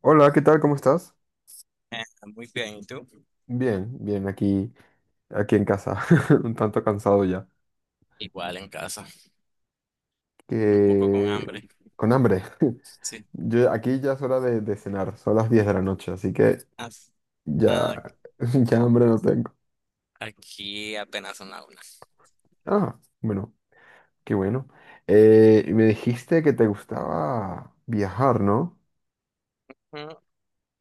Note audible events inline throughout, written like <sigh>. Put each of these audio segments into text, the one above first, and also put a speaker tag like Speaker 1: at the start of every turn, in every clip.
Speaker 1: Hola, ¿qué tal? ¿Cómo estás?
Speaker 2: Eh, Muy bien, ¿y tú?
Speaker 1: Bien, bien, aquí, aquí en casa, <laughs> un tanto cansado ya.
Speaker 2: Igual en casa, un poco con
Speaker 1: Que...
Speaker 2: hambre.
Speaker 1: Con hambre. <laughs>
Speaker 2: Sí.
Speaker 1: Yo, aquí ya es hora de cenar, son las 10 de la noche, así que
Speaker 2: Ah, ah,
Speaker 1: ya, <laughs> ya hambre no tengo.
Speaker 2: Aquí apenas son las una.
Speaker 1: Ah, bueno, qué bueno. Y me dijiste que te gustaba viajar, ¿no?
Speaker 2: Mm,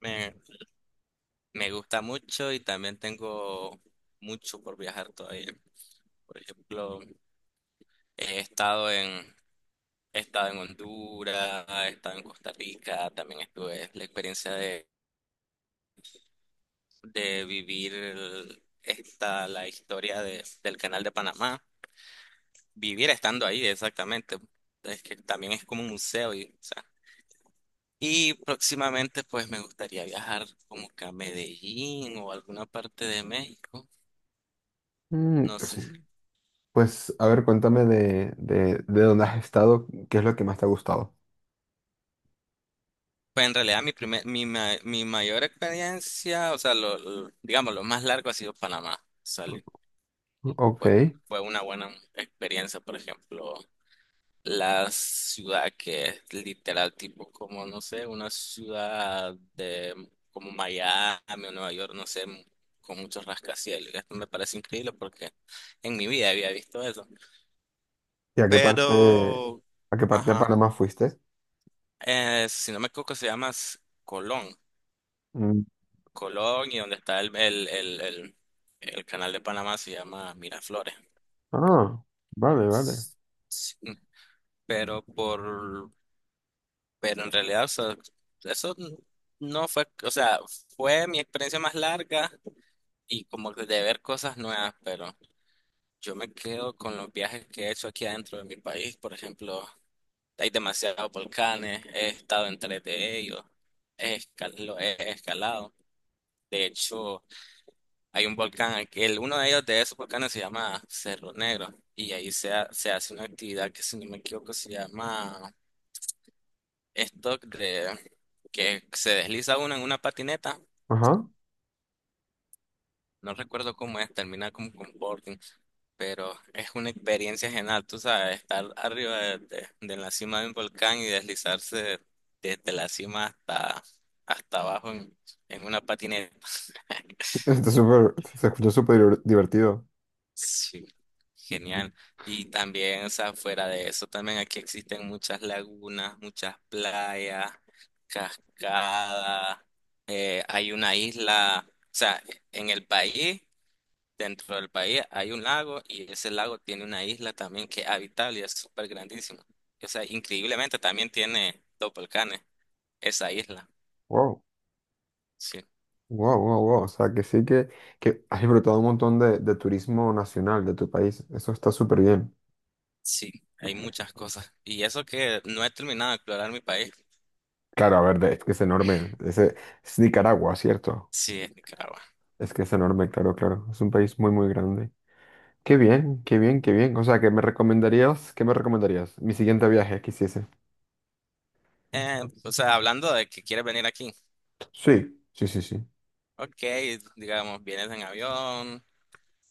Speaker 2: Me, me gusta mucho y también tengo mucho por viajar todavía. Por ejemplo, he estado en, he estado en Honduras, he estado en Costa Rica, también estuve la experiencia de vivir la historia del canal de Panamá. Vivir estando ahí, exactamente. Es que también es como un museo y, o sea, y próximamente pues me gustaría viajar como que a Medellín o alguna parte de México.
Speaker 1: Mm,
Speaker 2: No
Speaker 1: pues,
Speaker 2: sé.
Speaker 1: pues, a ver, cuéntame de dónde has estado, qué es lo que más te ha gustado.
Speaker 2: Pues en realidad mi primer, mi, ma- mi mayor experiencia, o sea, digamos, lo más largo ha sido Panamá. Salí.
Speaker 1: Ok.
Speaker 2: Fue,
Speaker 1: ¿Y
Speaker 2: fue una buena experiencia, por ejemplo. La ciudad que es literal tipo como, no sé, una ciudad de como Miami o Nueva York, no sé, con muchos rascacielos. Esto me parece increíble porque en mi vida había visto eso.
Speaker 1: a qué parte,
Speaker 2: Pero,
Speaker 1: a qué parte de
Speaker 2: ajá,
Speaker 1: Panamá fuiste?
Speaker 2: si no me equivoco, se llama Colón. Colón, y donde está el canal de Panamá se llama Miraflores.
Speaker 1: Ah, vale, vale.
Speaker 2: Sí, Pero por Pero en realidad, o sea, eso no fue, o sea, fue mi experiencia más larga y como que de ver cosas nuevas, pero yo me quedo con los viajes que he hecho aquí adentro de mi país. Por ejemplo, hay demasiados volcanes, he estado en tres de ellos, he escalado. De hecho, hay un volcán, uno de ellos, de esos volcanes se llama Cerro Negro, y ahí se hace una actividad que, si no me equivoco, se llama stock de que se desliza uno en una patineta.
Speaker 1: Ajá.
Speaker 2: No recuerdo cómo es, termina como con boarding, pero es una experiencia genial, tú sabes, estar arriba de la cima de un volcán, y deslizarse desde la cima hasta abajo, en una patineta. <laughs>
Speaker 1: Está súper, se escucha súper divertido.
Speaker 2: Sí, genial. Y también, o sea, fuera de eso, también aquí existen muchas lagunas, muchas playas, cascadas. Hay una isla, o sea, en el país, dentro del país, hay un lago y ese lago tiene una isla también que es habitable y es súper grandísimo. O sea, increíblemente también tiene dos volcanes, esa isla.
Speaker 1: Wow,
Speaker 2: Sí,
Speaker 1: wow, wow, wow. O sea, que sí que has disfrutado un montón de turismo nacional de tu país. Eso está súper bien.
Speaker 2: sí, hay muchas cosas. Y eso que no he terminado de explorar mi país.
Speaker 1: Claro, a ver, es que es enorme. Ese, es Nicaragua, ¿cierto?
Speaker 2: Sí, es Nicaragua.
Speaker 1: Es que es enorme, claro, claro. Es un país muy, muy grande. Qué bien, qué bien, qué bien. O sea, ¿qué me recomendarías? ¿Qué me recomendarías? Mi siguiente viaje que hiciese.
Speaker 2: O sea, hablando de que quieres venir aquí.
Speaker 1: Sí, sí, sí, sí.
Speaker 2: Ok, digamos, vienes en avión,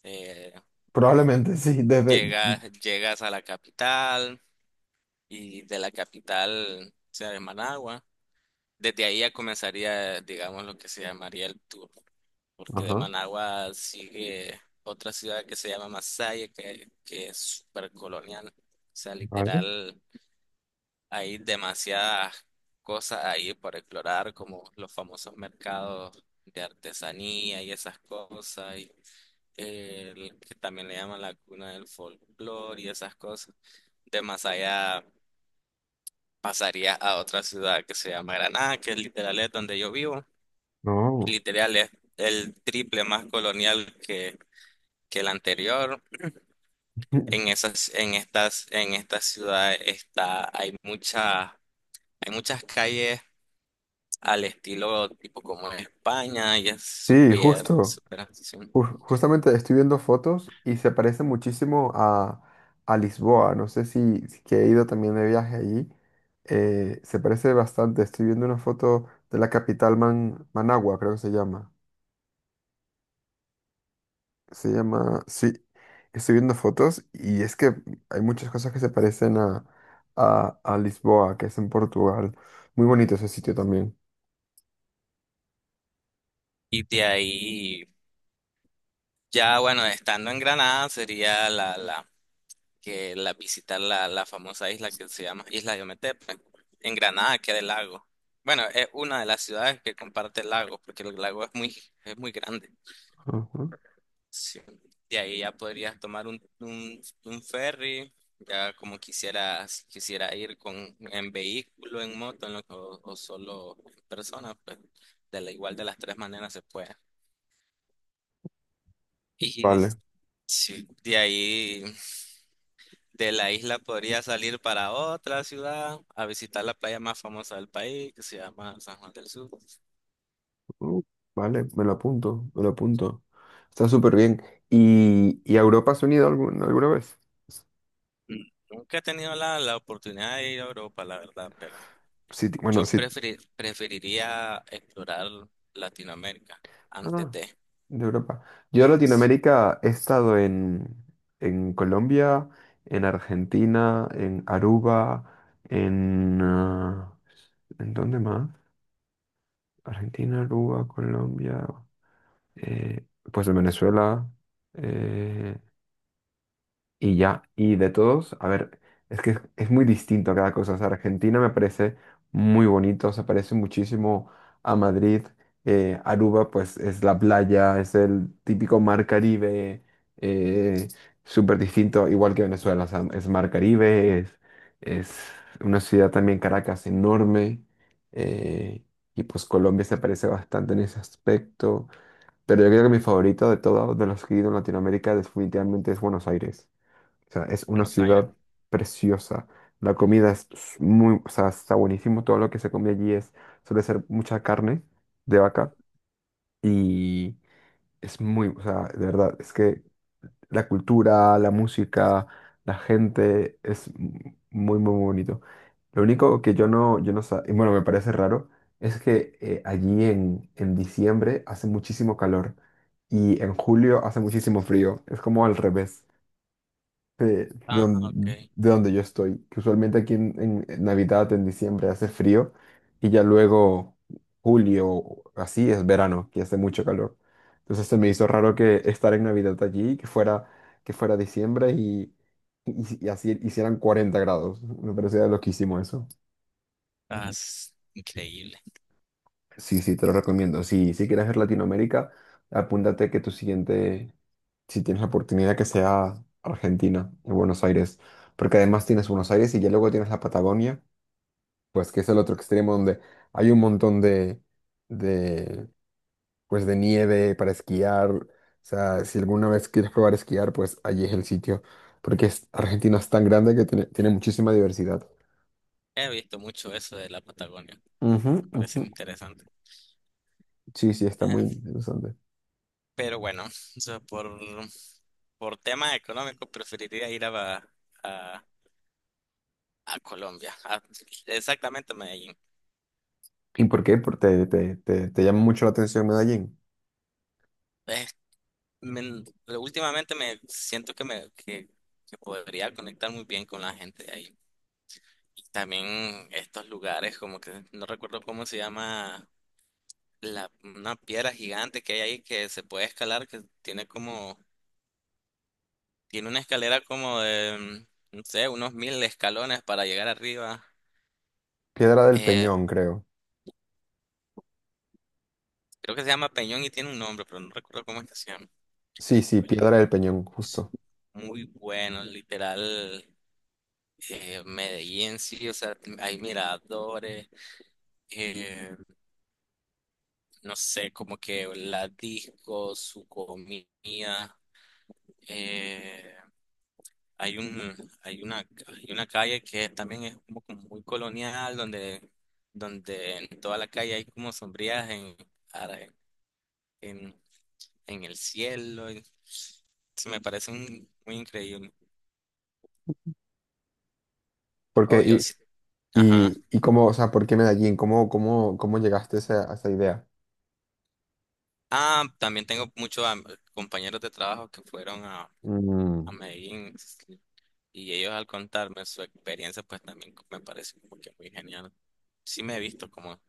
Speaker 2: eh,
Speaker 1: Probablemente <laughs> sí, desde...
Speaker 2: llegas a la capital, y de la capital, o sea, de Managua, desde ahí ya comenzaría, digamos, lo que se llamaría el tour, porque de
Speaker 1: Ajá,
Speaker 2: Managua sigue otra ciudad que se llama Masaya, que es súper colonial, o sea,
Speaker 1: vale.
Speaker 2: literal. Hay demasiadas cosas ahí por explorar, como los famosos mercados de artesanía y esas cosas, y el que también le llaman la cuna del folclore y esas cosas. De más allá pasaría a otra ciudad que se llama Granada, que es literal, es donde yo vivo.
Speaker 1: No.
Speaker 2: Literal es el triple más colonial que el anterior. En
Speaker 1: <laughs>
Speaker 2: esas, en estas, en esta ciudad está, hay muchas calles al estilo tipo como en España, y es
Speaker 1: Sí,
Speaker 2: súper,
Speaker 1: justo.
Speaker 2: súper accesible.
Speaker 1: Justamente estoy viendo fotos y se parece muchísimo a Lisboa. No sé si, si que he ido también de viaje allí. Se parece bastante. Estoy viendo una foto de la capital Managua, creo que se llama. Se llama, sí. Estoy viendo fotos y es que hay muchas cosas que se parecen a Lisboa, que es en Portugal. Muy bonito ese sitio también.
Speaker 2: Y de ahí, ya bueno, estando en Granada sería la, la, que la visitar la, la famosa isla que se llama Isla de Ometepe. En Granada queda el lago. Bueno, es una de las ciudades que comparte el lago, porque el lago es muy grande.
Speaker 1: Ujú.
Speaker 2: Sí. De ahí ya podrías tomar un ferry, ya como quisieras, quisiera ir con en vehículo, en moto, en lo- o solo en persona, pues de la igual de las tres maneras se puede. Y de-
Speaker 1: Vale.
Speaker 2: sí, de ahí, de la isla podría salir para otra ciudad a visitar la playa más famosa del país, que se llama San Juan del Sur.
Speaker 1: Mm, vale, me lo apunto, me lo apunto. Está súper bien. Y a Europa has venido alguna vez?
Speaker 2: Mm, Nunca he tenido la oportunidad de ir a Europa, la verdad, pero
Speaker 1: Sí, bueno,
Speaker 2: yo
Speaker 1: sí.
Speaker 2: preferiría explorar Latinoamérica
Speaker 1: No,
Speaker 2: antes
Speaker 1: no,
Speaker 2: de
Speaker 1: de Europa. Yo a Latinoamérica he estado en Colombia, en Argentina, en Aruba, en... ah, ¿en dónde más? Argentina, Aruba, Colombia, eh, pues en Venezuela. eh, Y ya, y de todos, a ver, es que es muy distinto cada cosa. O sea, Argentina me parece muy bonito, se parece muchísimo a Madrid. Aruba, pues es la playa, es el típico mar Caribe, eh, súper distinto, igual que Venezuela. O sea, es mar Caribe, es una ciudad también, Caracas, enorme. eh, y pues Colombia se parece bastante en ese aspecto. Pero yo creo que mi favorito de todos, de los que he ido en Latinoamérica, definitivamente es Buenos Aires. O sea, es una
Speaker 2: Buenos Aires.
Speaker 1: ciudad preciosa. La comida muy, o sea, está buenísimo. Todo lo que se come allí suele ser mucha carne de vaca y es muy, o sea, de verdad, es que la cultura, la música, la gente muy, muy bonito. Lo único que yo no sa- y bueno, me parece raro, es que allí en diciembre hace muchísimo calor y en julio hace muchísimo frío. Es como al revés
Speaker 2: Ah, ok.
Speaker 1: de donde yo estoy, que usualmente aquí en Navidad, en diciembre, hace frío y ya luego julio, así es verano, que hace mucho calor. Entonces se me hizo raro que estar en Navidad allí, que fuera diciembre y así hicieran 40 grados. Me parecía loquísimo eso.
Speaker 2: Estás increíble.
Speaker 1: Sí, sí, te lo recomiendo. Si, si quieres ver Latinoamérica, apúntate que tu siguiente, si tienes la oportunidad, que sea Argentina, en Buenos Aires. Porque además tienes Buenos Aires y ya luego tienes la Patagonia, pues que es el otro extremo donde hay un montón de, pues, de nieve para esquiar. O sea, si alguna vez quieres probar esquiar, pues allí es el sitio. Porque Argentina es tan grande que tiene, tiene muchísima diversidad.
Speaker 2: He visto mucho eso de la Patagonia.
Speaker 1: Ujú,
Speaker 2: Me parece
Speaker 1: ujú.
Speaker 2: interesante.
Speaker 1: Sí, sí, está muy
Speaker 2: Eh,
Speaker 1: interesante.
Speaker 2: pero bueno, o sea, por tema económico preferiría ir a, a Colombia. Exactamente a Medellín.
Speaker 1: ¿Y por qué? Te llama mucho la atención Medellín.
Speaker 2: Eh, me- Últimamente me siento que podría conectar muy bien con la gente de ahí. Y también estos lugares, como que no recuerdo cómo se llama, la, una piedra gigante que hay ahí que se puede escalar, que tiene como, tiene una escalera como de, no sé, unos 1.000 escalones para llegar arriba.
Speaker 1: Piedra del
Speaker 2: Eh,
Speaker 1: Peñón, creo.
Speaker 2: Creo que se llama Peñón y tiene un nombre, pero no recuerdo cómo es que se llama.
Speaker 1: Sí, sí,
Speaker 2: Pero
Speaker 1: Piedra del Peñón,
Speaker 2: sí,
Speaker 1: justo.
Speaker 2: muy bueno, literal. Medellín, sí, o sea, hay miradores, eh, no sé, como que la disco, su comida. eh, hay un, hay una, hay una calle que también es como, como muy colonial, donde en toda la calle hay como sombrías en, ara- en, en el cielo. Y se me parece muy increíble. Obvio,
Speaker 1: Porque,
Speaker 2: sí. Ajá.
Speaker 1: y cómo, o sea, ¿por qué Medellín? Cómo, cómo, ¿cómo llegaste a esa idea?
Speaker 2: Ah, también tengo muchos compañeros de trabajo que fueron a
Speaker 1: Mm,
Speaker 2: Medellín, y ellos, al contarme su experiencia, pues también me parece como que muy genial. Sí, me he visto como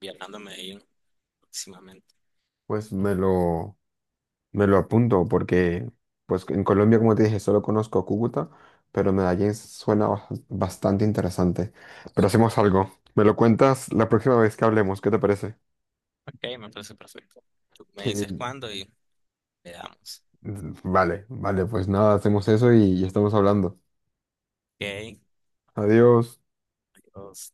Speaker 2: viajando a Medellín próximamente.
Speaker 1: pues me lo apunto, porque pues en Colombia, como te dije, solo conozco Cúcuta, pero Medellín suena bastante interesante. Pero hacemos algo. Me lo cuentas la próxima vez que hablemos, ¿qué te parece?
Speaker 2: Ok, me parece perfecto. Tú me dices
Speaker 1: Que...
Speaker 2: cuándo y le damos.
Speaker 1: Vale, vale, pues nada, hacemos eso y estamos hablando.
Speaker 2: Ok,
Speaker 1: Adiós.
Speaker 2: Dios.